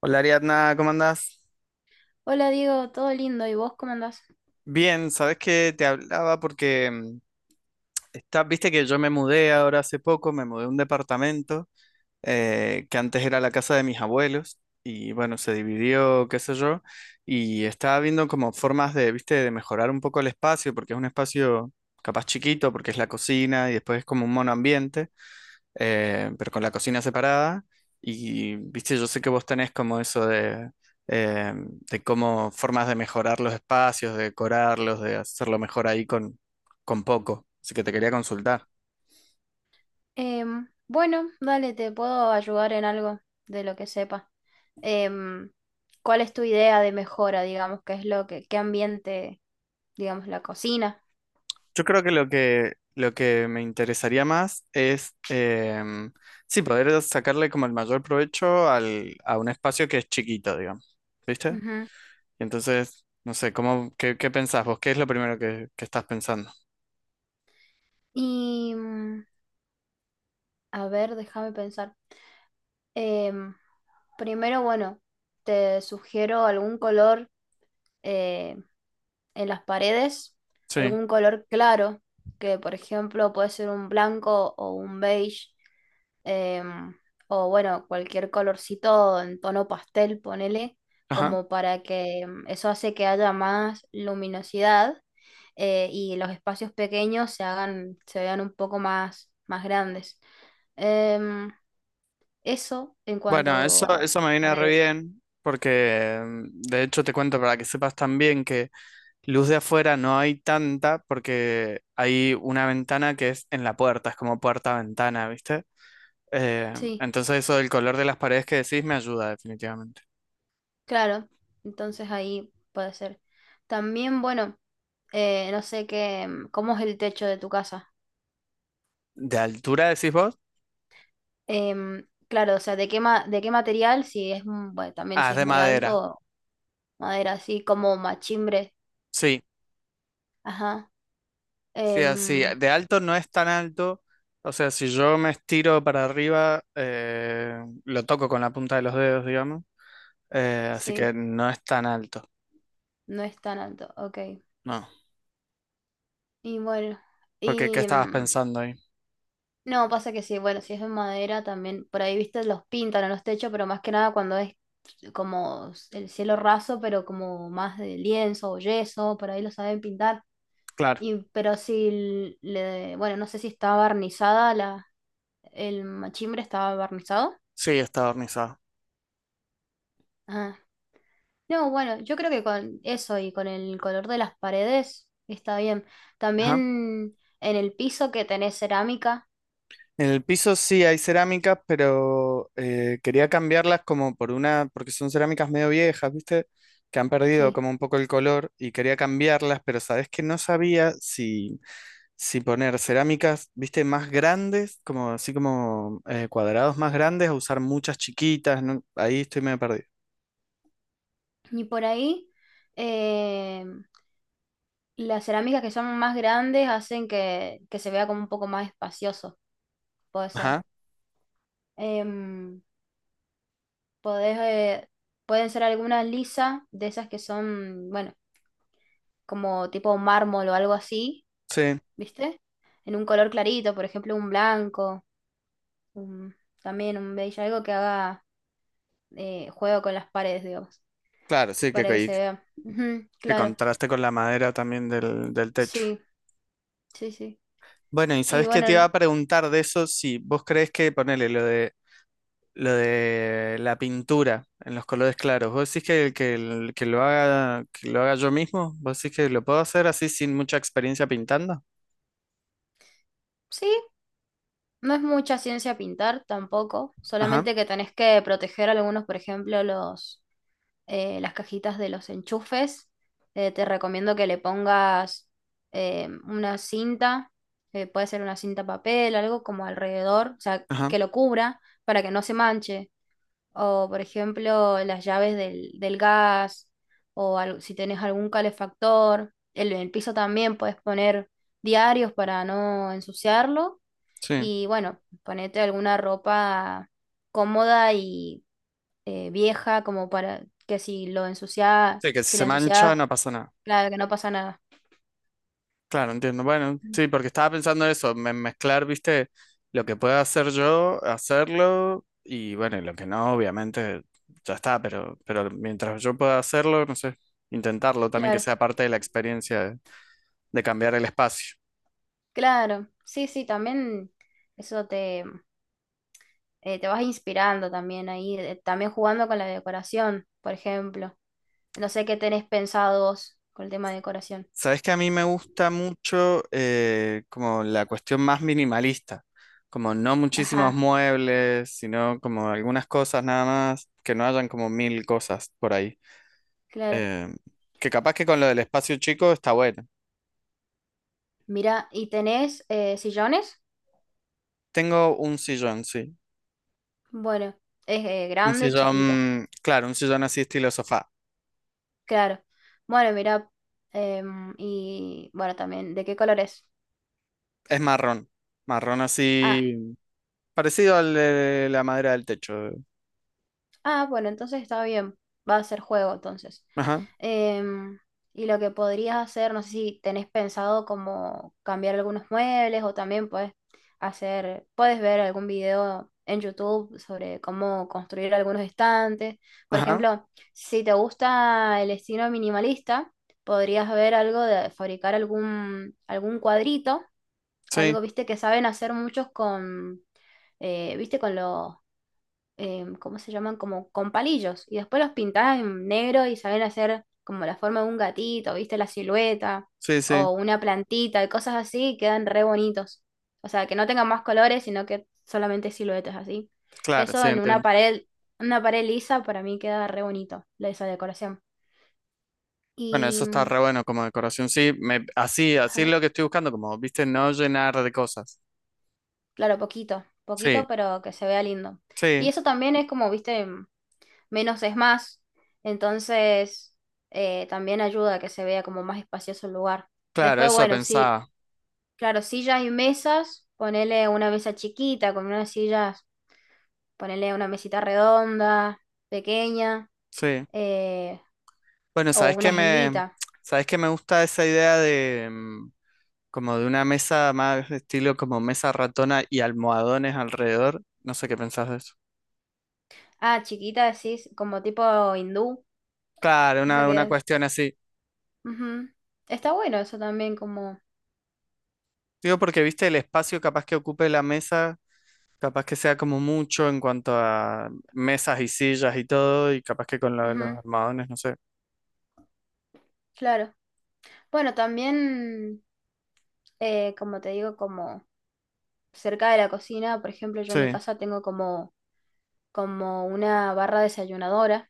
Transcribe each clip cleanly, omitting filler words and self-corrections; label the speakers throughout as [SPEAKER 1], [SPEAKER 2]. [SPEAKER 1] Hola Ariadna, ¿cómo andás?
[SPEAKER 2] Hola Diego, todo lindo, ¿y vos cómo andás?
[SPEAKER 1] Bien, sabes que te hablaba porque está, viste que yo me mudé ahora hace poco, me mudé a un departamento que antes era la casa de mis abuelos y bueno, se dividió, qué sé yo, y estaba viendo como formas de, viste, de mejorar un poco el espacio porque es un espacio capaz chiquito porque es la cocina y después es como un monoambiente. Pero con la cocina separada. Y, viste, yo sé que vos tenés como eso eh, de cómo formas de mejorar los espacios, de decorarlos, de hacerlo mejor ahí con poco. Así que te quería consultar.
[SPEAKER 2] Bueno, dale, te puedo ayudar en algo de lo que sepa. Em, ¿Cuál es tu idea de mejora, digamos? ¿Qué es lo que, qué ambiente, digamos, la cocina?
[SPEAKER 1] Yo creo que lo que me interesaría más es, sí, poder sacarle como el mayor provecho a un espacio que es chiquito, digamos. ¿Viste?
[SPEAKER 2] Ujú.
[SPEAKER 1] Y entonces, no sé, ¿cómo, qué pensás vos? ¿Qué es lo primero que estás pensando?
[SPEAKER 2] Y mm, a ver, déjame pensar. Em, Primero, bueno, te sugiero algún color eh, en las paredes,
[SPEAKER 1] Sí.
[SPEAKER 2] algún color claro, que por ejemplo puede ser un blanco o un beige, em, o bueno, cualquier colorcito en tono pastel, ponele,
[SPEAKER 1] Ajá.
[SPEAKER 2] como para que eso hace que haya más luminosidad, y los espacios pequeños se hagan, se vean un poco más, más grandes. Em, Eso en
[SPEAKER 1] Bueno,
[SPEAKER 2] cuanto
[SPEAKER 1] eso,
[SPEAKER 2] a
[SPEAKER 1] eso me viene re
[SPEAKER 2] paredes.
[SPEAKER 1] bien, porque de hecho te cuento para que sepas también que luz de afuera no hay tanta, porque hay una ventana que es en la puerta, es como puerta-ventana, ¿viste?
[SPEAKER 2] Sí,
[SPEAKER 1] Entonces eso del color de las paredes que decís me ayuda definitivamente.
[SPEAKER 2] claro. Entonces ahí puede ser. También, bueno, no sé qué, mm, cómo es el techo de tu casa.
[SPEAKER 1] ¿De altura decís vos?
[SPEAKER 2] Claro, o sea, de qué, de qué material, si es, mm, bueno, también
[SPEAKER 1] Ah,
[SPEAKER 2] si
[SPEAKER 1] es
[SPEAKER 2] es
[SPEAKER 1] de
[SPEAKER 2] muy
[SPEAKER 1] madera.
[SPEAKER 2] alto, madera así como machimbre.
[SPEAKER 1] Sí,
[SPEAKER 2] Ajá.
[SPEAKER 1] sí, así.
[SPEAKER 2] Em,
[SPEAKER 1] De alto no es tan alto. O sea, si yo me estiro para arriba, lo toco con la punta de los dedos, digamos. Así que
[SPEAKER 2] sí,
[SPEAKER 1] no es tan alto.
[SPEAKER 2] no es tan alto, ok.
[SPEAKER 1] No.
[SPEAKER 2] Y bueno,
[SPEAKER 1] Porque, ¿qué
[SPEAKER 2] y
[SPEAKER 1] estabas
[SPEAKER 2] mm,
[SPEAKER 1] pensando ahí?
[SPEAKER 2] no, pasa que sí, bueno, si es de madera también, por ahí, viste, los pintan en los techos, pero más que nada cuando es como el cielo raso, pero como más de lienzo o yeso, por ahí lo saben pintar.
[SPEAKER 1] Claro,
[SPEAKER 2] Y, pero si le, bueno, no sé si estaba barnizada la, el machimbre estaba barnizado.
[SPEAKER 1] sí, está barnizado.
[SPEAKER 2] Ah. No, bueno, yo creo que con eso y con el color de las paredes está bien.
[SPEAKER 1] Ajá.
[SPEAKER 2] También en el piso que tenés cerámica,
[SPEAKER 1] En el piso sí hay cerámicas, pero quería cambiarlas como por una, porque son cerámicas medio viejas, ¿viste? Que han perdido
[SPEAKER 2] sí.
[SPEAKER 1] como un poco el color y quería cambiarlas, pero sabes que no sabía si, si poner cerámicas, ¿viste? Más grandes, como así como cuadrados más grandes o usar muchas chiquitas, no. Ahí estoy medio perdido.
[SPEAKER 2] Y por ahí, eh, las cerámicas que son más grandes hacen que se vea como un poco más espacioso, puede ser.
[SPEAKER 1] Ajá,
[SPEAKER 2] Em, podés, eh, pueden ser algunas lisas de esas que son, bueno, como tipo mármol o algo así,
[SPEAKER 1] sí,
[SPEAKER 2] ¿viste? En un color clarito, por ejemplo, un blanco, un- también un beige, algo que haga juego con las paredes, digamos,
[SPEAKER 1] claro, sí,
[SPEAKER 2] para que se vea. Ujú,
[SPEAKER 1] que
[SPEAKER 2] claro,
[SPEAKER 1] contraste con la madera también del, del techo.
[SPEAKER 2] sí, sí, sí.
[SPEAKER 1] Bueno, y
[SPEAKER 2] Y
[SPEAKER 1] sabes qué
[SPEAKER 2] bueno,
[SPEAKER 1] te iba a preguntar de eso, si vos crees que, ponele, lo de la pintura en los colores claros, vos decís que, el- que lo haga yo mismo, vos decís que lo puedo hacer así sin mucha experiencia pintando.
[SPEAKER 2] sí, no es mucha ciencia pintar tampoco,
[SPEAKER 1] Ajá,
[SPEAKER 2] solamente que tenés que proteger algunos, por ejemplo, los las cajitas de los enchufes. Te recomiendo que le pongas una cinta, puede ser una cinta papel, algo como alrededor, o sea,
[SPEAKER 1] ajá,
[SPEAKER 2] que lo cubra para que no se manche. O, por ejemplo, las llaves del, del gas, o al- si tenés algún calefactor. El piso también puedes poner diarios para no ensuciarlo.
[SPEAKER 1] sí.
[SPEAKER 2] Y bueno, ponete alguna ropa cómoda y vieja como para que si lo ensuciaba,
[SPEAKER 1] Sí, que si
[SPEAKER 2] si
[SPEAKER 1] se
[SPEAKER 2] la ensuciaba,
[SPEAKER 1] mancha no pasa nada.
[SPEAKER 2] claro, que no pasa nada.
[SPEAKER 1] Claro, entiendo. Bueno, sí, porque estaba pensando eso, me- mezclar, viste, lo que pueda hacer yo, hacerlo, y bueno, y lo que no, obviamente, ya está, pero mientras yo pueda hacerlo, no sé, intentarlo también que
[SPEAKER 2] Claro,
[SPEAKER 1] sea parte de la experiencia de cambiar el espacio.
[SPEAKER 2] claro. Sí, sí, también eso te, te vas inspirando también ahí, también jugando con la decoración, por ejemplo. No sé qué tenés pensado vos con el tema de decoración.
[SPEAKER 1] Sabes que a mí me gusta mucho como la cuestión más minimalista, como no muchísimos
[SPEAKER 2] Ajá,
[SPEAKER 1] muebles, sino como algunas cosas nada más, que no hayan como mil cosas por ahí.
[SPEAKER 2] claro.
[SPEAKER 1] Eh, que capaz que con lo del espacio chico está bueno.
[SPEAKER 2] Mira, ¿y tenés sillones?
[SPEAKER 1] Tengo un sillón, sí.
[SPEAKER 2] Bueno, es
[SPEAKER 1] Un
[SPEAKER 2] grande, chiquito,
[SPEAKER 1] sillón, claro, un sillón así estilo sofá.
[SPEAKER 2] claro. Bueno, mira, y bueno, también, ¿de qué colores?
[SPEAKER 1] Es marrón. Marrón así, parecido al de la madera del techo.
[SPEAKER 2] Ah, bueno, entonces está bien. Va a ser juego entonces.
[SPEAKER 1] Ajá,
[SPEAKER 2] Em, y lo que podrías hacer, no sé si tenés pensado como cambiar algunos muebles o también puedes hacer, puedes ver algún video en YouTube sobre cómo construir algunos estantes. Por
[SPEAKER 1] ajá.
[SPEAKER 2] ejemplo, si te gusta el estilo minimalista, podrías ver algo de fabricar algún, algún cuadrito,
[SPEAKER 1] Sí,
[SPEAKER 2] algo, viste, que saben hacer muchos con, viste, con los ¿cómo se llaman? Como con palillos. Y después los pintás en negro y saben hacer como la forma de un gatito, ¿viste? La silueta
[SPEAKER 1] sí, sí.
[SPEAKER 2] o una plantita y cosas así, y quedan re bonitos. O sea, que no tengan más colores, sino que solamente siluetas así.
[SPEAKER 1] Claro,
[SPEAKER 2] Eso
[SPEAKER 1] sí,
[SPEAKER 2] en
[SPEAKER 1] entiendo.
[SPEAKER 2] una pared lisa para mí queda re bonito, la- esa decoración.
[SPEAKER 1] Bueno,
[SPEAKER 2] Y,
[SPEAKER 1] eso está
[SPEAKER 2] mm,
[SPEAKER 1] re bueno como decoración. Sí, me, así, así es
[SPEAKER 2] ajá,
[SPEAKER 1] lo que estoy buscando, como, viste, no llenar de cosas.
[SPEAKER 2] claro, poquito,
[SPEAKER 1] Sí,
[SPEAKER 2] poquito, pero que se vea lindo. Y
[SPEAKER 1] sí,
[SPEAKER 2] eso también es como, viste, menos es más. Entonces, también ayuda a que se vea como más espacioso el lugar.
[SPEAKER 1] claro,
[SPEAKER 2] Después,
[SPEAKER 1] eso
[SPEAKER 2] bueno, sí,
[SPEAKER 1] pensaba.
[SPEAKER 2] claro, sillas y mesas, ponele una mesa chiquita con unas sillas, ponele una mesita redonda, pequeña,
[SPEAKER 1] Sí.
[SPEAKER 2] eh,
[SPEAKER 1] Bueno,
[SPEAKER 2] o una islita.
[SPEAKER 1] sabes qué me gusta esa idea de, como de una mesa más estilo como mesa ratona y almohadones alrededor? No sé qué pensás de eso.
[SPEAKER 2] Ah, chiquita, sí, como tipo hindú.
[SPEAKER 1] Claro,
[SPEAKER 2] Eso que
[SPEAKER 1] una
[SPEAKER 2] es.
[SPEAKER 1] cuestión así.
[SPEAKER 2] Ujú. Está bueno eso también, como.
[SPEAKER 1] Digo, porque viste el espacio capaz que ocupe la mesa, capaz que sea como mucho en cuanto a mesas y sillas y todo, y capaz que con lo de los
[SPEAKER 2] Ujú,
[SPEAKER 1] almohadones, no sé.
[SPEAKER 2] claro. Bueno, también, como te digo, como cerca de la cocina, por ejemplo, yo en mi
[SPEAKER 1] Sí,
[SPEAKER 2] casa tengo como, como una barra desayunadora,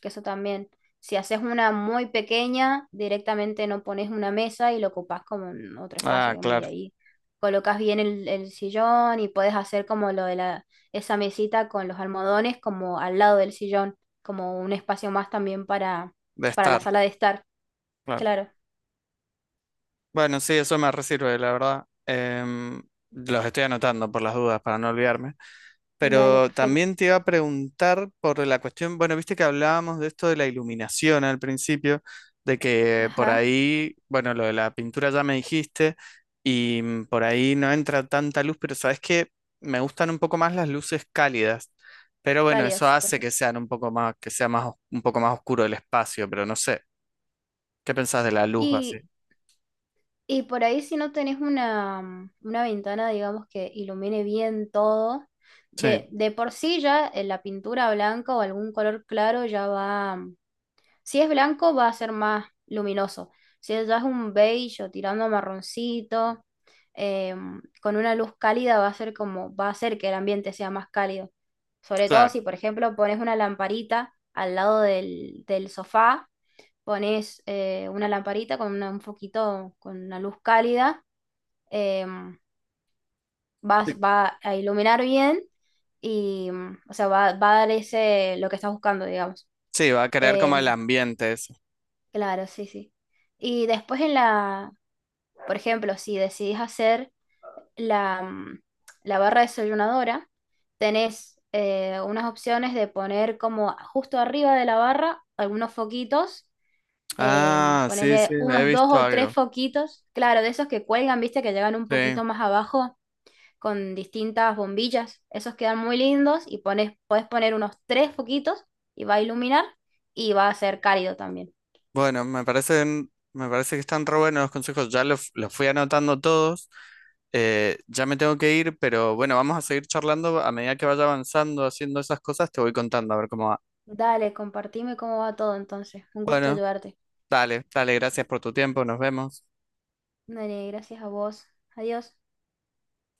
[SPEAKER 2] que eso también, si haces una muy pequeña, directamente no pones una mesa y lo ocupás como en otro espacio,
[SPEAKER 1] ah,
[SPEAKER 2] digamos, y
[SPEAKER 1] claro,
[SPEAKER 2] ahí colocas bien el sillón y puedes hacer como lo de la, esa mesita con los almohadones como al lado del sillón, como un espacio más también
[SPEAKER 1] de
[SPEAKER 2] para la
[SPEAKER 1] estar,
[SPEAKER 2] sala de estar.
[SPEAKER 1] claro.
[SPEAKER 2] Claro,
[SPEAKER 1] Bueno, sí, eso me resirve, la verdad. Los estoy anotando por las dudas para no olvidarme.
[SPEAKER 2] dale,
[SPEAKER 1] Pero
[SPEAKER 2] perfecto.
[SPEAKER 1] también te iba a preguntar por la cuestión, bueno, viste que hablábamos de esto de la iluminación al principio, de que por
[SPEAKER 2] Ajá,
[SPEAKER 1] ahí, bueno, lo de la pintura ya me dijiste, y por ahí no entra tanta luz, pero sabes que me gustan un poco más las luces cálidas. Pero bueno, eso
[SPEAKER 2] cálidas,
[SPEAKER 1] hace que
[SPEAKER 2] perfecto.
[SPEAKER 1] sean un poco más, que sea más, os- un poco más oscuro el espacio, pero no sé. ¿Qué pensás de la luz así?
[SPEAKER 2] Y Y por ahí si no tenés una, mm, una ventana, digamos, que ilumine bien todo,
[SPEAKER 1] Sí,
[SPEAKER 2] de por sí ya la pintura blanca o algún color claro ya va, mm, si es blanco va a ser más luminoso, si es- ya es un beige o tirando a marroncito, con una luz cálida va a ser como, va a hacer que el ambiente sea más cálido. Sobre todo
[SPEAKER 1] claro.
[SPEAKER 2] si, por ejemplo, pones una lamparita al lado del, del sofá, pones una lamparita con una- un foquito, con una luz cálida, em, vas-
[SPEAKER 1] Sí,
[SPEAKER 2] va a iluminar bien y, mm, o sea, va, va a dar ese, lo que estás buscando, digamos.
[SPEAKER 1] sí, va a crear como el
[SPEAKER 2] Em,
[SPEAKER 1] ambiente eso.
[SPEAKER 2] claro, sí, sí. Y después en la, por ejemplo, si decidís hacer la, mm, la barra desayunadora, tenés unas opciones de poner como justo arriba de la barra algunos foquitos,
[SPEAKER 1] Ah, sí, sí,
[SPEAKER 2] ponerle
[SPEAKER 1] he
[SPEAKER 2] unos dos
[SPEAKER 1] visto
[SPEAKER 2] o tres
[SPEAKER 1] algo.
[SPEAKER 2] foquitos, claro, de esos que cuelgan, viste, que llegan un
[SPEAKER 1] Sí.
[SPEAKER 2] poquito más abajo con distintas bombillas, esos quedan muy lindos y pones, podés poner unos tres foquitos y va a iluminar y va a ser cálido también.
[SPEAKER 1] Bueno, me parecen, me parece que están re buenos los consejos. Ya los fui anotando todos. Ya me tengo que ir, pero bueno, vamos a seguir charlando. A medida que vaya avanzando, haciendo esas cosas, te voy contando a ver cómo va.
[SPEAKER 2] Dale, compartime cómo va todo entonces. Un gusto
[SPEAKER 1] Bueno,
[SPEAKER 2] ayudarte.
[SPEAKER 1] dale, dale, gracias por tu tiempo. Nos vemos.
[SPEAKER 2] Dale, gracias a vos. Adiós.